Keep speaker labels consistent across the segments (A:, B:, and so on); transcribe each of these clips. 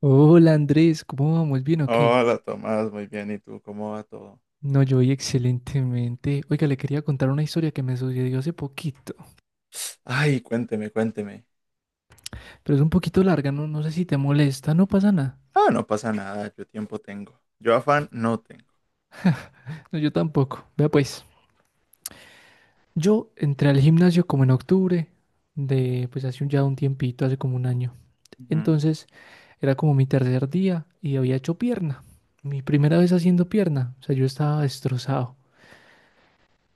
A: Hola Andrés, ¿cómo vamos? ¿Bien o qué?
B: Hola Tomás, muy bien. ¿Y tú cómo va todo?
A: No, yo voy excelentemente. Oiga, le quería contar una historia que me sucedió hace poquito,
B: Ay, cuénteme, cuénteme.
A: pero es un poquito larga, no, no sé si te molesta, no pasa nada.
B: Ah, no pasa nada, yo tiempo tengo. Yo afán no tengo.
A: No, yo tampoco. Vea pues, yo entré al gimnasio como en octubre de, pues hace un, ya un tiempito, hace como un año.
B: Ujú.
A: Entonces, era como mi tercer día y había hecho pierna. Mi primera vez haciendo pierna, o sea, yo estaba destrozado.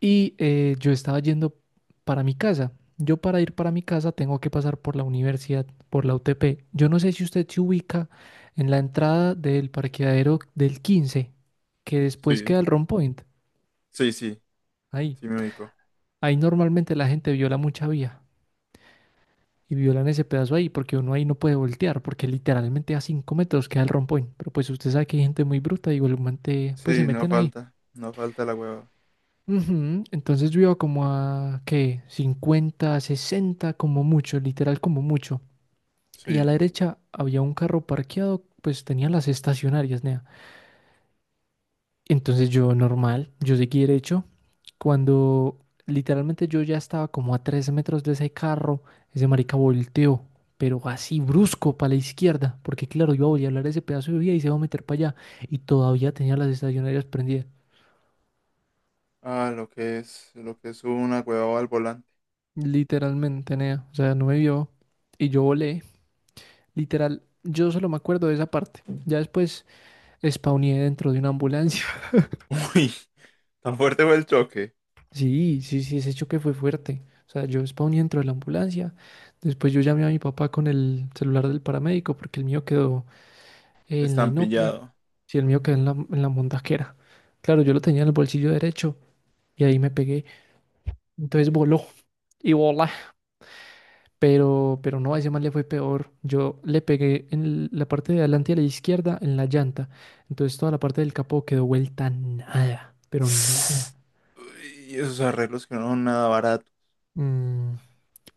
A: Y yo estaba yendo para mi casa. Yo para ir para mi casa tengo que pasar por la universidad, por la UTP. Yo no sé si usted se ubica en la entrada del parqueadero del 15 que después
B: Sí,
A: queda el Rompoint.
B: sí, sí,
A: Ahí.
B: sí me ubico.
A: Ahí normalmente la gente viola mucha vía y violan ese pedazo ahí porque uno ahí no puede voltear porque literalmente a 5 metros queda el Rompoint. Pero pues usted sabe que hay gente muy bruta y igualmente pues se
B: Sí, no
A: meten ahí.
B: falta, no falta la hueva.
A: Ujú. Entonces yo iba como a, ¿qué? 50, 60, como mucho, literal como mucho. Y a la
B: Sí.
A: derecha había un carro parqueado, pues tenía las estacionarias, nea. Entonces yo normal, yo seguí derecho. Cuando literalmente yo ya estaba como a 3 metros de ese carro, ese marica volteó, pero así brusco para la izquierda, porque claro, yo voy a hablar ese pedazo de vía y se va a meter para allá. Y todavía tenía las estacionarias prendidas.
B: Ah, lo que es una hueva al volante.
A: Literalmente, nea. O sea, no me vio. Y yo volé. Literal, yo solo me acuerdo de esa parte. Ya después spawné dentro de una ambulancia.
B: Uy, ¿tan fuerte fue el choque?
A: Sí, sí, sí, ese choque fue fuerte. O sea, yo spawné dentro de la ambulancia. Después yo llamé a mi papá con el celular del paramédico porque el mío quedó en la inopia.
B: Estampillado.
A: Sí, el mío quedó en la montaquera. Claro, yo lo tenía en el bolsillo derecho y ahí me pegué. Entonces voló y volé. Pero, no, a ese man le fue peor. Yo le pegué en la parte de adelante y a la izquierda en la llanta. Entonces toda la parte del capó quedó vuelta nada, pero nada.
B: Uy, esos arreglos que no son nada baratos.
A: Mm,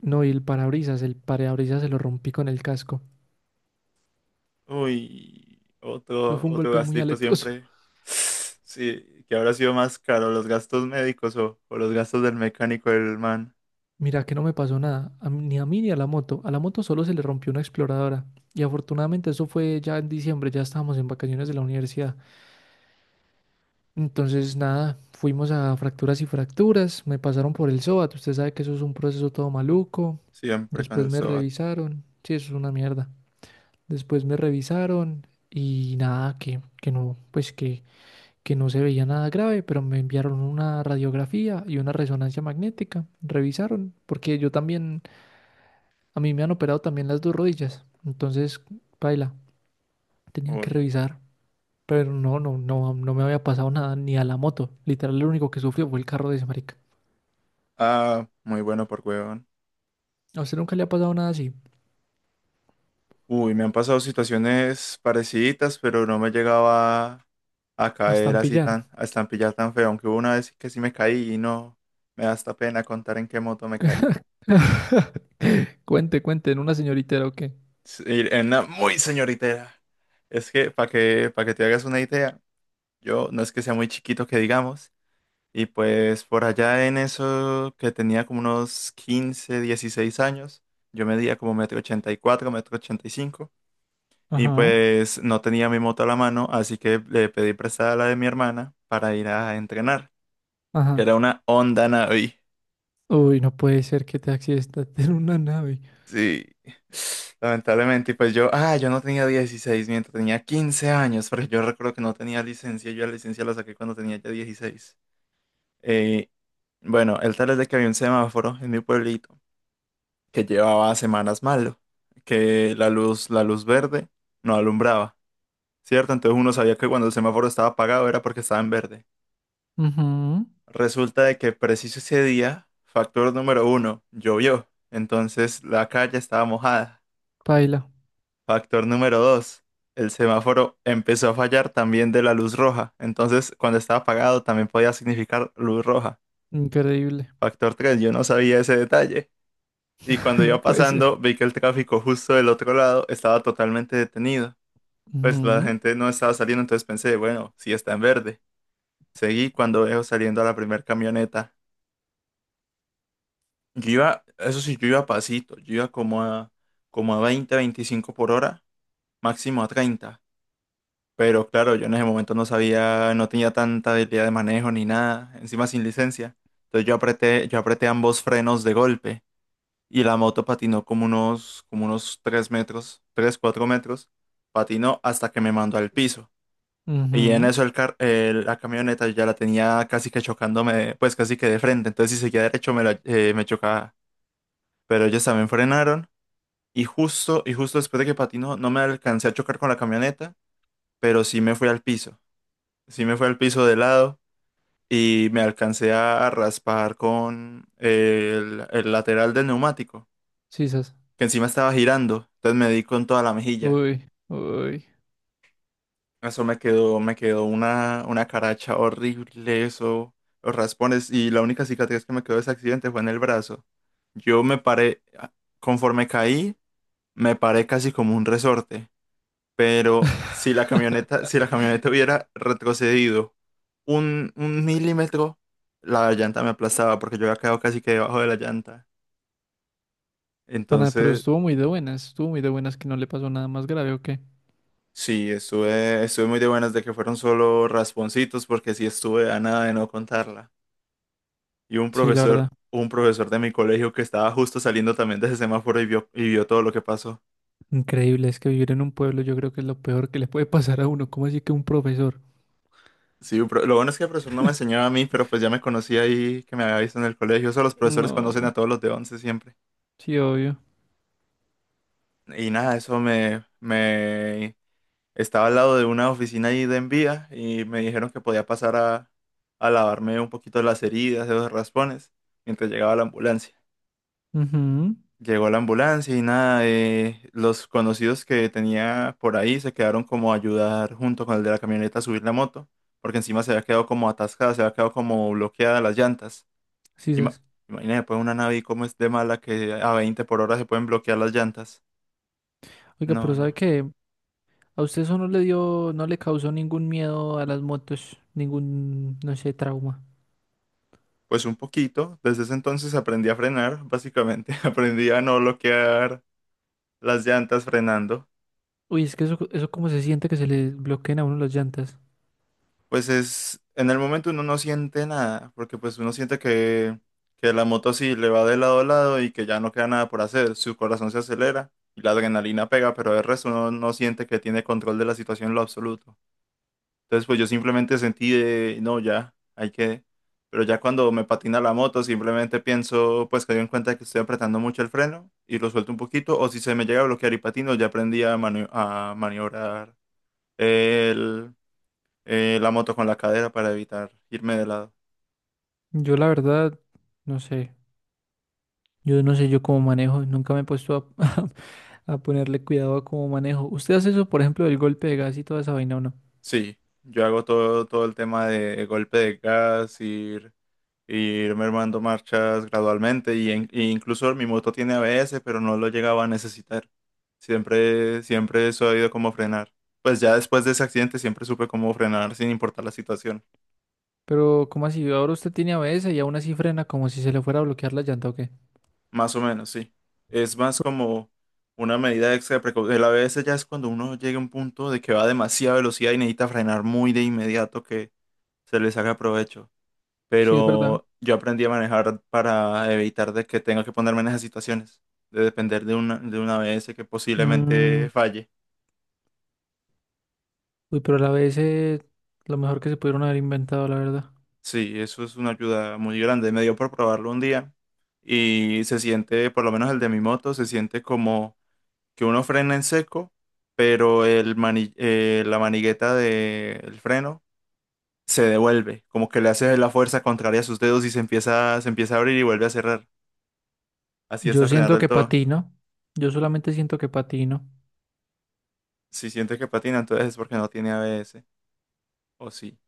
A: no, y el parabrisas se lo rompí con el casco.
B: Uy,
A: Eso
B: otro,
A: fue un
B: otro
A: golpe muy
B: gastico
A: aletoso.
B: siempre. Sí, que habrá sido más caro, los gastos médicos o los gastos del mecánico del man.
A: Mira que no me pasó nada, ni a mí ni a la moto. A la moto solo se le rompió una exploradora. Y afortunadamente eso fue ya en diciembre, ya estábamos en vacaciones de la universidad. Entonces, nada, fuimos a fracturas y fracturas, me pasaron por el SOAT, usted sabe que eso es un proceso todo maluco,
B: Siempre con
A: después
B: el
A: me
B: SOAT.
A: revisaron, sí, eso es una mierda, después me revisaron y nada, que, no, pues que no se veía nada grave, pero me enviaron una radiografía y una resonancia magnética, revisaron, porque yo también, a mí me han operado también las dos rodillas, entonces, paila, tenían que
B: Uy.
A: revisar. Pero no, no, no, no me había pasado nada ni a la moto. Literal, lo único que sufrió fue el carro de ese marica.
B: Ah, muy bueno por huevón.
A: A usted nunca le ha pasado nada así.
B: Uy, me han pasado situaciones parecidas, pero no me llegaba a
A: A
B: caer así
A: estampillar.
B: tan, a estampillar tan feo. Aunque hubo una vez que sí me caí y no, me da hasta pena contar en qué moto me caí.
A: Cuente, cuente, en una señorita o qué.
B: Sí, en una muy señoritera. Es que, para que te hagas una idea. Yo no es que sea muy chiquito que digamos. Y pues por allá en eso que tenía como unos 15, 16 años, yo medía como metro 84, metro 85. Y cinco. Y
A: Ajá.
B: pues no tenía mi moto a la mano, así que le pedí prestada la de mi hermana para ir a entrenar. Que
A: Ajá.
B: era una Honda Navi.
A: Uy, no puede ser que te accidentes en una nave.
B: Sí. Lamentablemente, y pues yo no tenía 16, mientras tenía 15 años, porque yo recuerdo que no tenía licencia, yo la licencia la saqué cuando tenía ya 16. Eh, bueno, el tal es de que había un semáforo en mi pueblito que llevaba semanas malo, que la luz verde no alumbraba, ¿cierto? Entonces uno sabía que cuando el semáforo estaba apagado era porque estaba en verde.
A: Ujú.
B: Resulta de que preciso ese día, factor número uno, llovió, entonces la calle estaba mojada.
A: Paila.
B: Factor número dos, el semáforo empezó a fallar también de la luz roja, entonces cuando estaba apagado también podía significar luz roja.
A: Increíble.
B: Factor tres, yo no sabía ese detalle. Y cuando
A: No
B: iba
A: puede ser.
B: pasando, vi que el tráfico justo del otro lado estaba totalmente detenido. Pues la
A: Mhm.
B: gente no estaba saliendo, entonces pensé, bueno, sí está en verde. Seguí cuando veo saliendo a la primera camioneta. Yo iba, eso sí, yo iba a pasito, yo iba como a, 20, 25 por hora, máximo a 30. Pero claro, yo en ese momento no sabía, no tenía tanta habilidad de manejo ni nada, encima sin licencia. Entonces yo apreté ambos frenos de golpe. Y la moto patinó como unos 3 metros, 3 4 metros, patinó hasta que me mandó al piso. Y en
A: Mhm.
B: eso la camioneta ya la tenía casi que chocándome, pues casi que de frente, entonces si seguía derecho me chocaba, pero ellos también frenaron y justo después de que patinó no me alcancé a chocar con la camioneta, pero sí me fui al piso, sí me fui al piso de lado. Y me alcancé a raspar con el lateral del neumático,
A: Sisas.
B: que encima estaba girando, entonces me di con toda la mejilla.
A: Uy, uy.
B: Eso me quedó, me quedó una caracha horrible, eso, los raspones, y la única cicatriz que me quedó de ese accidente fue en el brazo. Yo me paré, conforme caí, me paré casi como un resorte, pero si la camioneta, hubiera retrocedido un milímetro, la llanta me aplastaba porque yo había quedado casi que debajo de la llanta.
A: Pana, pero
B: Entonces,
A: estuvo muy de buenas. Estuvo muy de buenas que no le pasó nada más grave o qué.
B: sí, estuve muy de buenas de que fueron solo rasponcitos porque sí estuve a nada de no contarla. Y un
A: Sí, la
B: profesor,
A: verdad.
B: un profesor de mi colegio que estaba justo saliendo también de ese semáforo y vio todo lo que pasó.
A: Increíble, es que vivir en un pueblo yo creo que es lo peor que le puede pasar a uno. ¿Cómo así que un profesor?
B: Sí, lo bueno es que el profesor no me enseñaba a mí, pero pues ya me conocía ahí que me había visto en el colegio. Eso los profesores conocen a
A: No,
B: todos los de once siempre.
A: sí, obvio.
B: Y nada, eso me estaba al lado de una oficina ahí de envía y me dijeron que podía pasar a lavarme un poquito las heridas, de los raspones, mientras llegaba la ambulancia.
A: Ujú.
B: Llegó la ambulancia y nada, los conocidos que tenía por ahí se quedaron como a ayudar junto con el de la camioneta a subir la moto, porque encima se había quedado como atascada, se había quedado como bloqueada las llantas.
A: Sí,
B: Ima-
A: sas.
B: Imagínate, pues una nave como es de mala que a 20 por hora se pueden bloquear las llantas.
A: Oiga,
B: No,
A: pero ¿sabe
B: no.
A: qué? ¿A usted eso no le dio, no le causó ningún miedo a las motos? Ningún, no sé, trauma.
B: Pues un poquito, desde ese entonces aprendí a frenar, básicamente. Aprendí a no bloquear las llantas frenando.
A: Uy, es que eso cómo se siente que se le bloqueen a uno las llantas.
B: Pues es, en el momento uno no siente nada, porque pues uno siente que la moto sí le va de lado a lado y que ya no queda nada por hacer, su corazón se acelera y la adrenalina pega, pero el resto uno no siente que tiene control de la situación en lo absoluto. Entonces pues yo simplemente sentí de, no, ya, hay que, pero ya cuando me patina la moto simplemente pienso pues que doy en cuenta que estoy apretando mucho el freno y lo suelto un poquito, o si se me llega a bloquear y patino, ya aprendí a maniobrar, la moto con la cadera para evitar irme de lado.
A: Yo la verdad, no sé. Yo no sé yo cómo manejo, nunca me he puesto a, a ponerle cuidado a cómo manejo. ¿Usted hace eso, por ejemplo, del golpe de gas y toda esa vaina o no?
B: Sí, yo hago todo, todo el tema de golpe de gas, ir mermando marchas gradualmente y incluso mi moto tiene ABS, pero no lo llegaba a necesitar. Siempre, siempre he sabido cómo frenar. Pues ya después de ese accidente siempre supe cómo frenar sin importar la situación.
A: Pero, ¿cómo así? Ahora usted tiene ABS y aún así frena como si se le fuera a bloquear la llanta o qué.
B: Más o menos, sí. Es más como una medida extra de precaución. El ABS ya es cuando uno llega a un punto de que va a demasiada velocidad y necesita frenar muy de inmediato que se le saca provecho.
A: Sí, es verdad.
B: Pero yo aprendí a manejar para evitar de que tenga que ponerme en esas situaciones, de depender de una, ABS que
A: Mm,
B: posiblemente falle.
A: uy, pero el ABS, lo mejor que se pudieron haber inventado, la verdad.
B: Sí, eso es una ayuda muy grande. Me dio por probarlo un día y se siente, por lo menos el de mi moto, se siente como que uno frena en seco, pero la manigueta del freno se devuelve, como que le hace la fuerza contraria a sus dedos y se empieza, a abrir y vuelve a cerrar. Así
A: Yo
B: hasta frenar
A: siento
B: del
A: que
B: todo.
A: patino. Yo solamente siento que patino.
B: Si siente que patina, entonces es porque no tiene ABS. O sí.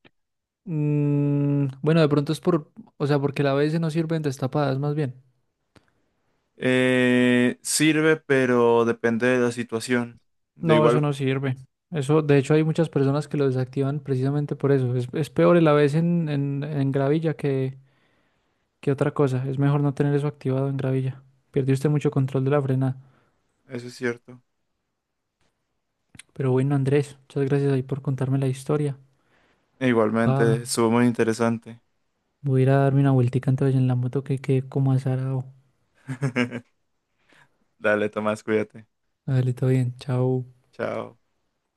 A: Mm, bueno, de pronto es por, o sea, porque el ABS no sirve en destapadas, más bien.
B: Sirve, pero depende de la situación. De
A: No, eso
B: igual,
A: no sirve. Eso, de hecho, hay muchas personas que lo desactivan precisamente por eso. Es peor el ABS en gravilla que otra cosa. Es mejor no tener eso activado en gravilla. Pierde usted mucho control de la frenada.
B: eso es cierto.
A: Pero bueno, Andrés, muchas gracias ahí por contarme la historia.
B: E igualmente,
A: Ah,
B: estuvo muy interesante.
A: voy a ir a darme una vueltica entonces en la moto que quedé como azarado.
B: Dale, Tomás, cuídate.
A: Dale, todo bien, chao.
B: Chao.